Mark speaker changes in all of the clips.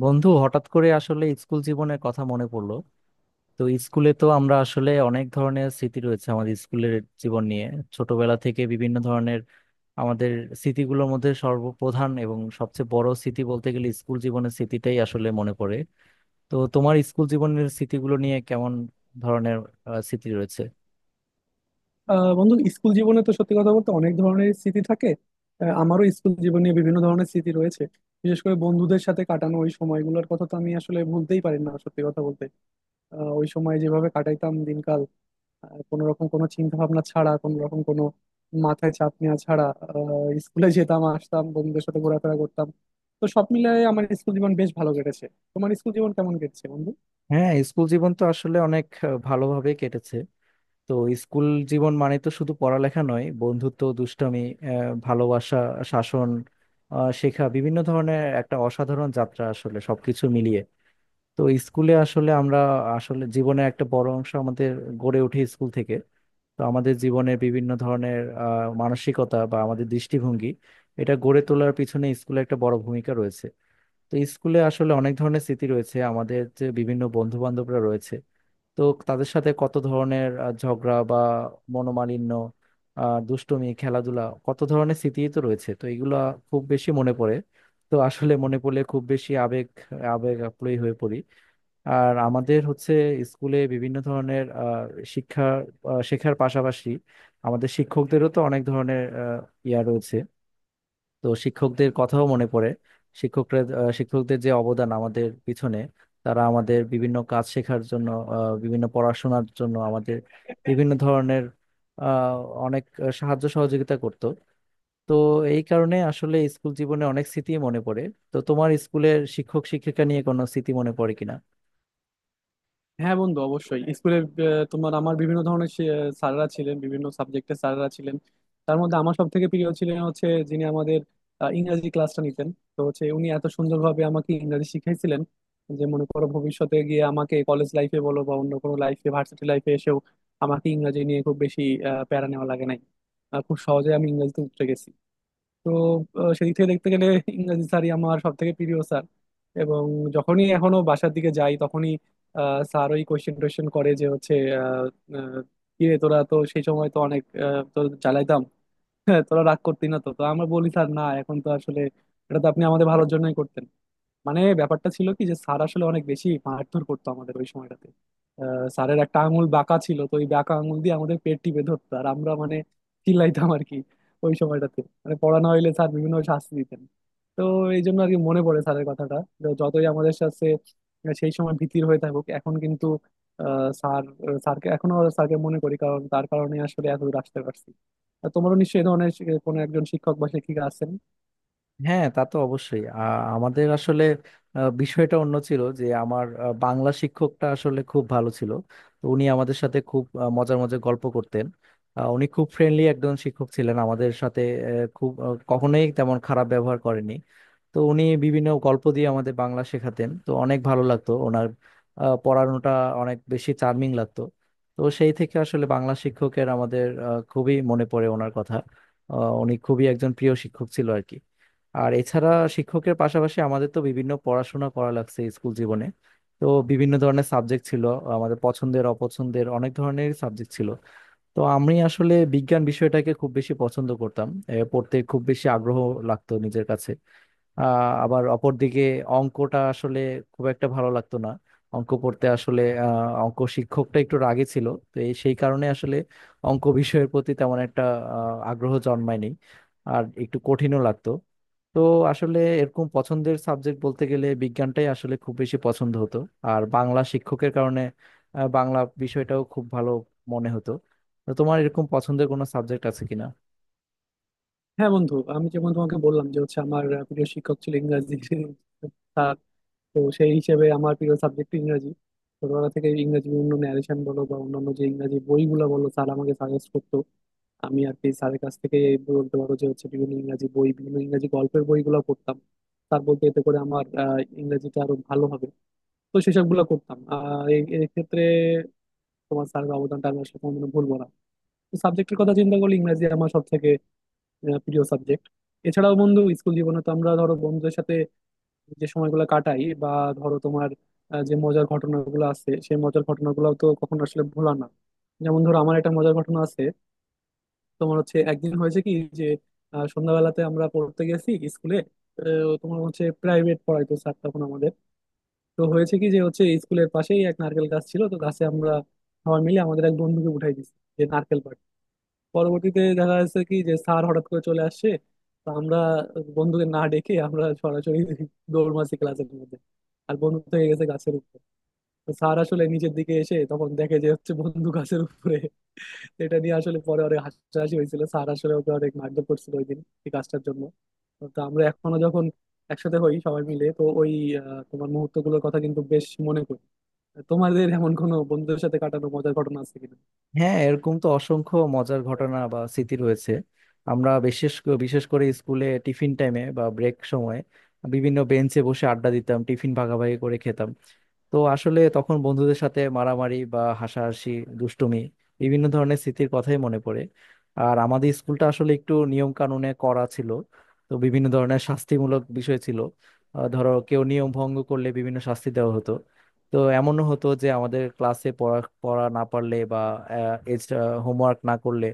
Speaker 1: বন্ধু, হঠাৎ করে আসলে স্কুল জীবনের কথা মনে পড়লো। তো স্কুলে তো আমরা আসলে অনেক ধরনের স্মৃতি রয়েছে আমাদের স্কুলের জীবন নিয়ে। ছোটবেলা থেকে বিভিন্ন ধরনের আমাদের স্মৃতিগুলোর মধ্যে সর্বপ্রধান এবং সবচেয়ে বড় স্মৃতি বলতে গেলে স্কুল জীবনের স্মৃতিটাই আসলে মনে পড়ে। তো তোমার স্কুল জীবনের স্মৃতিগুলো নিয়ে কেমন ধরনের স্মৃতি রয়েছে?
Speaker 2: বন্ধু, স্কুল জীবনে তো সত্যি কথা বলতে অনেক ধরনের স্মৃতি থাকে। আমারও স্কুল জীবনে বিভিন্ন ধরনের স্মৃতি রয়েছে। বিশেষ করে বন্ধুদের সাথে কাটানো ওই সময়গুলোর কথা তো আমি আসলে ভুলতেই পারি না, সত্যি কথা বলতে। ওই সময় যেভাবে কাটাইতাম দিনকাল, কোনো রকম কোনো চিন্তা ভাবনা ছাড়া, কোনো রকম কোনো মাথায় চাপ নেওয়া ছাড়া স্কুলে যেতাম আসতাম, বন্ধুদের সাথে ঘোরাফেরা করতাম। তো সব মিলিয়ে আমার স্কুল জীবন বেশ ভালো কেটেছে। তোমার স্কুল জীবন কেমন কেটেছে বন্ধু?
Speaker 1: হ্যাঁ, স্কুল জীবন তো আসলে অনেক ভালোভাবে কেটেছে। তো স্কুল জীবন মানে তো শুধু পড়ালেখা নয়, বন্ধুত্ব, দুষ্টমি, ভালোবাসা, শাসন, শেখা, বিভিন্ন ধরনের একটা অসাধারণ যাত্রা আসলে সবকিছু মিলিয়ে। তো স্কুলে আসলে আমরা আসলে জীবনের একটা বড় অংশ আমাদের গড়ে ওঠে স্কুল থেকে। তো আমাদের জীবনের বিভিন্ন ধরনের মানসিকতা বা আমাদের দৃষ্টিভঙ্গি, এটা গড়ে তোলার পিছনে স্কুলে একটা বড় ভূমিকা রয়েছে। তো স্কুলে আসলে অনেক ধরনের স্মৃতি রয়েছে আমাদের, যে বিভিন্ন বন্ধু বান্ধবরা রয়েছে। তো তাদের সাথে কত ধরনের ঝগড়া বা মনোমালিন্য, দুষ্টুমি, খেলাধুলা, কত ধরনের স্মৃতি তো রয়েছে। তো এগুলা খুব বেশি মনে পড়ে। তো আসলে মনে পড়লে খুব বেশি আবেগ আবেগ আপ্লুত হয়ে পড়ি। আর আমাদের হচ্ছে স্কুলে বিভিন্ন ধরনের শিক্ষা, শেখার পাশাপাশি আমাদের শিক্ষকদেরও তো অনেক ধরনের ইয়া রয়েছে। তো শিক্ষকদের কথাও মনে পড়ে। শিক্ষকরা শিক্ষকদের যে অবদান আমাদের পিছনে, তারা আমাদের বিভিন্ন কাজ শেখার জন্য, বিভিন্ন পড়াশোনার জন্য আমাদের বিভিন্ন ধরনের আহ, অনেক সাহায্য সহযোগিতা করত। তো এই কারণে আসলে স্কুল জীবনে অনেক স্মৃতি মনে পড়ে। তো তোমার স্কুলের শিক্ষক শিক্ষিকা নিয়ে কোনো স্মৃতি মনে পড়ে কিনা?
Speaker 2: হ্যাঁ বন্ধু, অবশ্যই স্কুলে তোমার আমার বিভিন্ন ধরনের স্যাররা ছিলেন, বিভিন্ন সাবজেক্টের স্যাররা ছিলেন। তার মধ্যে আমার সব থেকে প্রিয় ছিলেন হচ্ছে যিনি আমাদের ইংরাজি ক্লাসটা নিতেন। তো হচ্ছে উনি এত সুন্দরভাবে আমাকে ইংরাজি শিখাইছিলেন যে মনে করো ভবিষ্যতে গিয়ে আমাকে কলেজ লাইফে বলো বা অন্য কোনো লাইফে ভার্সিটি লাইফে এসেও আমাকে ইংরাজি নিয়ে খুব বেশি প্যারা নেওয়া লাগে নাই। খুব সহজে আমি ইংরাজিতে উতরে গেছি। তো সেদিক থেকে দেখতে গেলে ইংরাজি স্যারই আমার সব থেকে প্রিয় স্যার। এবং যখনই এখনো বাসার দিকে যাই তখনই স্যার ওই কোয়েশ্চেন টোয়েশ্চেন করে যে হচ্ছে আহ, আহ, কিরে তোরা তো সেই সময় তো অনেক তো জ্বালাইতাম। হ্যাঁ, তোরা রাগ করতি না? তো তো আমরা বলি স্যার, না এখন তো আসলে এটা তো আপনি আমাদের ভালোর জন্যই করতেন। মানে ব্যাপারটা ছিল কি যে স্যার আসলে অনেক বেশি মারধর করতো আমাদের ওই সময়টাতে। স্যারের একটা আঙুল বাঁকা ছিল, তো ওই বাঁকা আঙুল দিয়ে আমাদের পেট টিপে ধরতো আর আমরা মানে চিল্লাইতাম আর কি। ওই সময়টাতে মানে পড়ানো হইলে স্যার বিভিন্ন শাস্তি দিতেন। তো এই জন্য আর কি মনে পড়ে স্যারের কথাটা। তো যতই আমাদের সাথে সেই সময় ভীতির হয়ে থাকুক, এখন কিন্তু আহ, স্যার স্যারকে এখনো মনে করি, কারণ তার কারণে আসলে এত দূর আসতে পারছি। আর তোমারও নিশ্চয়ই এ ধরনের কোনো একজন শিক্ষক বা শিক্ষিকা আছেন।
Speaker 1: হ্যাঁ, তা তো অবশ্যই। আমাদের আসলে বিষয়টা অন্য ছিল, যে আমার বাংলা শিক্ষকটা আসলে খুব ভালো ছিল। তো উনি আমাদের সাথে খুব মজার মজার গল্প করতেন। উনি খুব ফ্রেন্ডলি একজন শিক্ষক ছিলেন আমাদের সাথে। এ, খুব কখনোই তেমন খারাপ ব্যবহার করেনি। তো উনি বিভিন্ন গল্প দিয়ে আমাদের বাংলা শেখাতেন, তো অনেক ভালো লাগতো ওনার পড়ানোটা, অনেক বেশি চার্মিং লাগতো। তো সেই থেকে আসলে বাংলা শিক্ষকের আমাদের খুবই মনে পড়ে ওনার কথা। আ, উনি খুবই একজন প্রিয় শিক্ষক ছিল আর কি। আর এছাড়া শিক্ষকের পাশাপাশি আমাদের তো বিভিন্ন পড়াশোনা করা লাগছে স্কুল জীবনে। তো বিভিন্ন ধরনের সাবজেক্ট ছিল, আমাদের পছন্দের অপছন্দের অনেক ধরনের সাবজেক্ট ছিল। তো আমি আসলে বিজ্ঞান বিষয়টাকে খুব বেশি পছন্দ করতাম, পড়তে খুব বেশি আগ্রহ লাগতো নিজের কাছে। আবার অপরদিকে অঙ্কটা আসলে খুব একটা ভালো লাগতো না। অঙ্ক পড়তে আসলে অঙ্ক শিক্ষকটা একটু রাগী ছিল। তো এই সেই কারণে আসলে অঙ্ক বিষয়ের প্রতি তেমন একটা আগ্রহ জন্মায়নি, আর একটু কঠিনও লাগতো। তো আসলে এরকম পছন্দের সাবজেক্ট বলতে গেলে বিজ্ঞানটাই আসলে খুব বেশি পছন্দ হতো। আর বাংলা শিক্ষকের কারণে বাংলা বিষয়টাও খুব ভালো মনে হতো। তো তোমার এরকম পছন্দের কোনো সাবজেক্ট আছে কিনা?
Speaker 2: হ্যাঁ বন্ধু, আমি যেমন তোমাকে বললাম যে হচ্ছে আমার প্রিয় শিক্ষক ছিল ইংরাজি স্যার। তো সেই হিসেবে আমার প্রিয় সাবজেক্ট ইংরাজি। ছোটবেলা থেকে ইংরাজি বিভিন্ন ন্যারেশন বলো বা অন্যান্য যে ইংরাজি বইগুলো বলো, স্যার আমাকে সাজেস্ট করতো। আমি আর কি স্যারের কাছ থেকে, এই বলতে পারো যে হচ্ছে বিভিন্ন ইংরাজি বই বিভিন্ন ইংরাজি গল্পের বইগুলো পড়তাম। স্যার বলতে এতে করে আমার ইংরাজিটা আরো ভালো হবে। তো সেসব গুলো করতাম এক্ষেত্রে তোমার স্যারের অবদানটা আমি আসলে কোনো ভুলবো না। তো সাবজেক্টের কথা চিন্তা করলে ইংরাজি আমার সব থেকে প্রিয় সাবজেক্ট। এছাড়াও বন্ধু, স্কুল জীবনে তো আমরা ধরো বন্ধুদের সাথে যে সময়গুলো কাটাই, বা ধরো তোমার যে মজার ঘটনাগুলো আছে সেই মজার ঘটনাগুলো তো কখনো আসলে ভোলা না। যেমন ধরো আমার একটা মজার ঘটনা আছে। তোমার হচ্ছে একদিন হয়েছে কি যে সন্ধ্যাবেলাতে আমরা পড়তে গেছি স্কুলে। তোমার হচ্ছে প্রাইভেট পড়াইতো স্যার তখন আমাদের। তো হয়েছে কি যে হচ্ছে স্কুলের পাশেই এক নারকেল গাছ ছিল, তো গাছে আমরা সবাই মিলে আমাদের এক বন্ধুকে উঠাই দিছি যে নারকেল পাড়। পরবর্তীতে দেখা যাচ্ছে কি যে স্যার হঠাৎ করে চলে আসছে। তো আমরা বন্ধুকে না ডেকে আমরা সরাসরি দৌড় মারছি ক্লাসের মধ্যে। আর বন্ধু থেকে গেছে গাছের উপর। তো স্যার আসলে নিচের দিকে এসে তখন দেখে যে হচ্ছে বন্ধু গাছের উপরে। এটা নিয়ে আসলে পরে অনেক হাসাহাসি হয়েছিল, স্যার আসলে ওকে অনেক মারধর করছিল ওই দিন এই কাজটার জন্য। তো আমরা এখনো যখন একসাথে হই সবাই মিলে তো ওই তোমার মুহূর্ত গুলোর কথা কিন্তু বেশ মনে করি। তোমাদের এমন কোনো বন্ধুদের সাথে কাটানো মজার ঘটনা আছে কিনা?
Speaker 1: হ্যাঁ, এরকম তো অসংখ্য মজার ঘটনা বা স্মৃতি রয়েছে। আমরা বিশেষ করে স্কুলে টিফিন টাইমে বা ব্রেক সময়ে বিভিন্ন বেঞ্চে বসে আড্ডা দিতাম, টিফিন ভাগাভাগি করে খেতাম। তো আসলে তখন বন্ধুদের সাথে মারামারি বা হাসাহাসি, দুষ্টুমি, বিভিন্ন ধরনের স্মৃতির কথাই মনে পড়ে। আর আমাদের স্কুলটা আসলে একটু নিয়ম কানুনে করা ছিল। তো বিভিন্ন ধরনের শাস্তিমূলক বিষয় ছিল। ধরো, কেউ নিয়ম ভঙ্গ করলে বিভিন্ন শাস্তি দেওয়া হতো। তো এমনও হতো যে আমাদের ক্লাসে পড়া পড়া না পারলে বা এক্সট্রা হোমওয়ার্ক না করলে,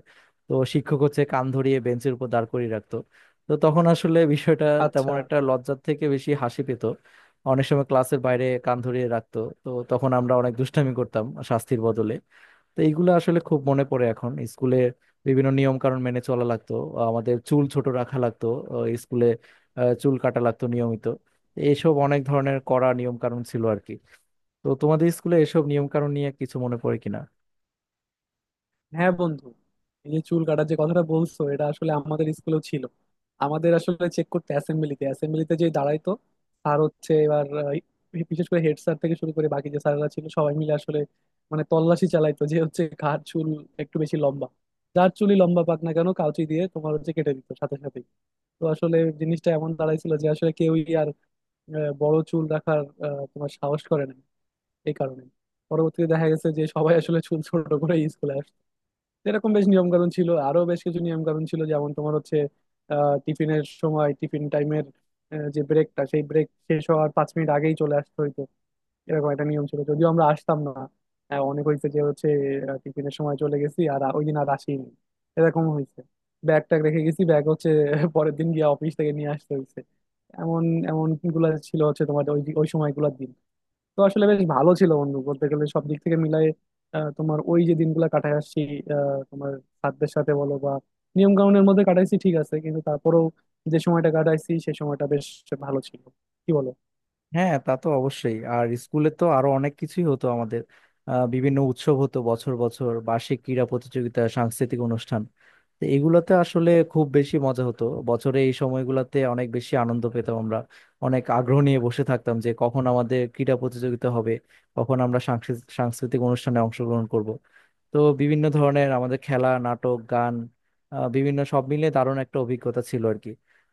Speaker 1: তো শিক্ষক হচ্ছে কান ধরিয়ে বেঞ্চের উপর দাঁড় করিয়ে রাখতো। তো তখন আসলে বিষয়টা
Speaker 2: আচ্ছা।
Speaker 1: তেমন একটা লজ্জার থেকে বেশি হাসি পেত। অনেক সময় ক্লাসের বাইরে কান ধরিয়ে রাখতো, তো তখন আমরা অনেক দুষ্টামি করতাম শাস্তির বদলে। তো এইগুলো আসলে খুব মনে পড়ে। এখন স্কুলে বিভিন্ন নিয়ম কানুন মেনে চলা লাগতো, আমাদের চুল ছোট রাখা লাগতো স্কুলে, চুল কাটা লাগতো নিয়মিত, এইসব অনেক ধরনের কড়া নিয়ম কানুন ছিল আর কি। তো তোমাদের স্কুলে এসব নিয়ম কানুন নিয়ে কিছু মনে পড়ে কিনা?
Speaker 2: হ্যাঁ বন্ধু, এই যে চুল কাটার যে কথাটা বলছো, এটা আসলে আমাদের স্কুলেও ছিল। আমাদের আসলে চেক করতে অ্যাসেম্বলিতে অ্যাসেম্বলিতে যে দাঁড়াইতো স্যার হচ্ছে এবার, বিশেষ করে হেড স্যার থেকে শুরু করে বাকি যে স্যাররা ছিল সবাই মিলে আসলে মানে তল্লাশি চালাইতো যে হচ্ছে কার চুল একটু বেশি লম্বা। যার চুলই লম্বা পাক না কেন, কাউচি দিয়ে তোমার হচ্ছে কেটে দিত সাথে সাথেই। তো আসলে জিনিসটা এমন দাঁড়াইছিল যে আসলে কেউই আর বড় চুল রাখার তোমার সাহস করে না এই কারণে। পরবর্তীতে দেখা গেছে যে সবাই আসলে চুল ছোট করে স্কুলে। এরকম বেশ নিয়ম কানুন ছিল, আরো বেশ কিছু নিয়ম কানুন ছিল যেমন তোমার হচ্ছে টিফিনের সময়, টিফিন টাইমের যে ব্রেকটা, সেই ব্রেক শেষ হওয়ার 5 মিনিট আগেই চলে আসতে হইতো। এরকম একটা নিয়ম ছিল, যদিও আমরা আসতাম না। অনেক হয়েছে যে হচ্ছে টিফিনের সময় চলে গেছি আর ওই দিন আর আসিনি এরকম হয়েছে। ব্যাগ ট্যাগ রেখে গেছি, ব্যাগ হচ্ছে পরের দিন গিয়ে অফিস থেকে নিয়ে আসতে হয়েছে। এমন এমন গুলা ছিল হচ্ছে তোমার ওই ওই সময়গুলোর দিন। তো আসলে বেশ ভালো ছিল বন্ধু, বলতে গেলে সব দিক থেকে মিলাই তোমার ওই যে দিনগুলো কাটায় আসছি তোমার সাধ্যের সাথে বলো বা নিয়ম কানুনের মধ্যে কাটাইছি ঠিক আছে, কিন্তু তারপরেও যে সময়টা কাটাইছি সেই সময়টা বেশ ভালো ছিল, কি বলো?
Speaker 1: হ্যাঁ, তা তো অবশ্যই। আর স্কুলে তো আরো অনেক কিছুই হতো আমাদের। বিভিন্ন উৎসব হতো, বছর বছর বার্ষিক ক্রীড়া প্রতিযোগিতা, সাংস্কৃতিক অনুষ্ঠান। তো এগুলোতে আসলে খুব বেশি মজা হতো। বছরে এই সময়গুলোতে অনেক বেশি আনন্দ পেতাম আমরা, অনেক আগ্রহ নিয়ে বসে থাকতাম যে কখন আমাদের ক্রীড়া প্রতিযোগিতা হবে, কখন আমরা সাংস্কৃতিক অনুষ্ঠানে অংশগ্রহণ করব। তো বিভিন্ন ধরনের আমাদের খেলা, নাটক, গান, বিভিন্ন, সব মিলে দারুণ একটা অভিজ্ঞতা ছিল আর কি।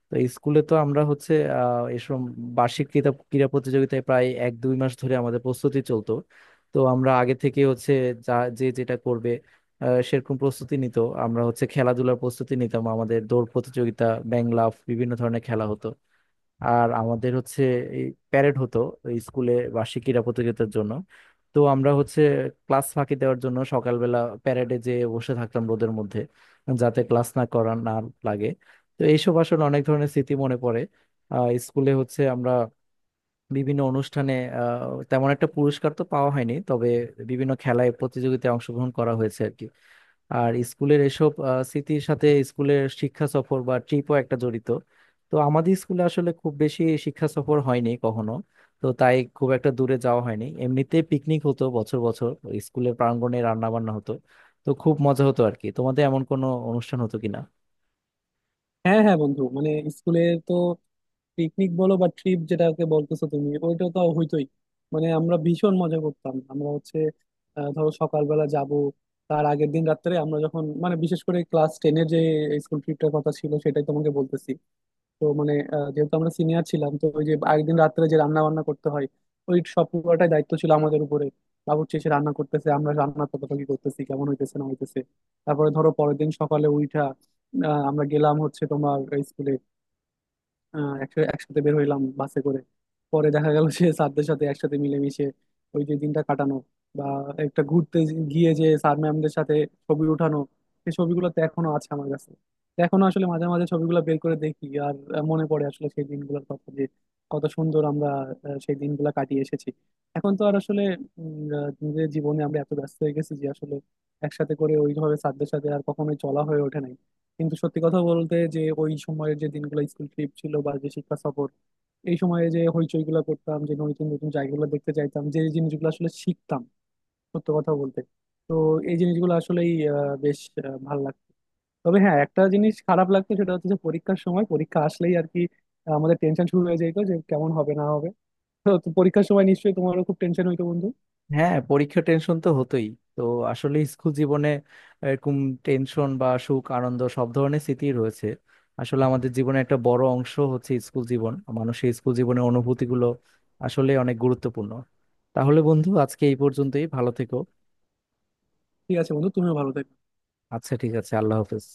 Speaker 1: তো স্কুলে তো আমরা হচ্ছে এসব বার্ষিক ক্রীড়া ক্রীড়া প্রতিযোগিতায় প্রায় এক দুই মাস ধরে আমাদের প্রস্তুতি চলতো। তো আমরা আগে থেকে হচ্ছে যা যে যেটা করবে সেরকম প্রস্তুতি নিত। আমরা হচ্ছে খেলাধুলার প্রস্তুতি নিতাম, আমাদের দৌড় প্রতিযোগিতা, ব্যাং লাফ, বিভিন্ন ধরনের খেলা হতো। আর আমাদের হচ্ছে এই প্যারেড হতো এই স্কুলে বার্ষিক ক্রীড়া প্রতিযোগিতার জন্য। তো আমরা হচ্ছে ক্লাস ফাঁকি দেওয়ার জন্য সকালবেলা প্যারেডে যেয়ে বসে থাকতাম রোদের মধ্যে, যাতে ক্লাস না করা না লাগে। তো এইসব আসলে অনেক ধরনের স্মৃতি মনে পড়ে। স্কুলে হচ্ছে আমরা বিভিন্ন অনুষ্ঠানে তেমন একটা পুরস্কার তো পাওয়া হয়নি, তবে বিভিন্ন খেলায় প্রতিযোগিতায় অংশগ্রহণ করা হয়েছে আর কি। আর স্কুলের এসব স্মৃতির সাথে স্কুলের শিক্ষা সফর বা ট্রিপও একটা জড়িত। তো আমাদের স্কুলে আসলে খুব বেশি শিক্ষা সফর হয়নি কখনো। তো তাই খুব একটা দূরে যাওয়া হয়নি, এমনিতে পিকনিক হতো বছর বছর, ওই স্কুলের প্রাঙ্গণে রান্না বান্না হতো। তো খুব মজা হতো আর কি। তোমাদের এমন কোনো অনুষ্ঠান হতো কিনা?
Speaker 2: হ্যাঁ, হ্যাঁ বন্ধু, মানে স্কুলের তো পিকনিক বলো বা ট্রিপ যেটাকে বলতেছো তুমি, ওইটা তো হইতোই। মানে আমরা ভীষণ মজা করতাম, আমরা হচ্ছে ধরো সকালবেলা যাব। তার আগের দিন রাত্রে আমরা যখন, মানে বিশেষ করে ক্লাস টেনের যে স্কুল ট্রিপটার কথা ছিল সেটাই তোমাকে বলতেছি। তো মানে যেহেতু আমরা সিনিয়র ছিলাম, তো ওই যে আগের দিন রাত্রে যে রান্না বান্না করতে হয়, ওই সব পুরোটাই দায়িত্ব ছিল আমাদের উপরে। বাবুর্চি এসে রান্না করতেছে, আমরা রান্না তদারকি করতেছি কেমন হইতেছে না হইতেছে। তারপরে ধরো পরের দিন সকালে উঠা, আমরা গেলাম হচ্ছে তোমার স্কুলে একসাথে একসাথে বের হইলাম বাসে করে। পরে দেখা গেল যে স্যারদের সাথে একসাথে মিলেমিশে ওই যে দিনটা কাটানো, বা একটা ঘুরতে গিয়ে যে স্যার ম্যামদের সাথে ছবি উঠানো। সেই ছবিগুলো তো এখনো আছে আমার কাছে। তো এখনো আসলে মাঝে মাঝে ছবিগুলো বের করে দেখি আর মনে পড়ে আসলে সেই দিনগুলোর কথা, যে কত সুন্দর আমরা সেই দিনগুলো কাটিয়ে এসেছি। এখন তো আর আসলে নিজের জীবনে আমরা এত ব্যস্ত হয়ে গেছি যে আসলে একসাথে করে ওইভাবে স্যারদের সাথে আর কখনোই চলা হয়ে ওঠে না। কিন্তু সত্যি কথা বলতে যে ওই সময়ের যে দিনগুলো স্কুল ট্রিপ ছিল বা যে শিক্ষা সফর, এই সময়ে যে হইচই গুলা করতাম, যে নতুন নতুন জায়গাগুলো দেখতে চাইতাম, যে জিনিসগুলো আসলে শিখতাম, সত্যি কথা বলতে। তো এই জিনিসগুলো আসলেই বেশ ভালো লাগতো। তবে হ্যাঁ, একটা জিনিস খারাপ লাগতো, সেটা হচ্ছে যে পরীক্ষার সময় পরীক্ষা আসলেই আর কি আমাদের টেনশন শুরু হয়ে যেত যে কেমন হবে না হবে। তো তো পরীক্ষার সময় নিশ্চয়ই তোমারও খুব টেনশন হইতো বন্ধু।
Speaker 1: হ্যাঁ, পরীক্ষা টেনশন তো হতোই। তো আসলে স্কুল জীবনে এরকম টেনশন বা সুখ আনন্দ, সব ধরনের স্মৃতি রয়েছে। আসলে আমাদের জীবনে একটা বড় অংশ হচ্ছে স্কুল জীবন। মানুষের স্কুল জীবনের অনুভূতিগুলো আসলে অনেক গুরুত্বপূর্ণ। তাহলে বন্ধু, আজকে এই পর্যন্তই, ভালো থেকো।
Speaker 2: ঠিক আছে বন্ধু, তুমিও ভালো থেকো।
Speaker 1: আচ্ছা, ঠিক আছে, আল্লাহ হাফেজ।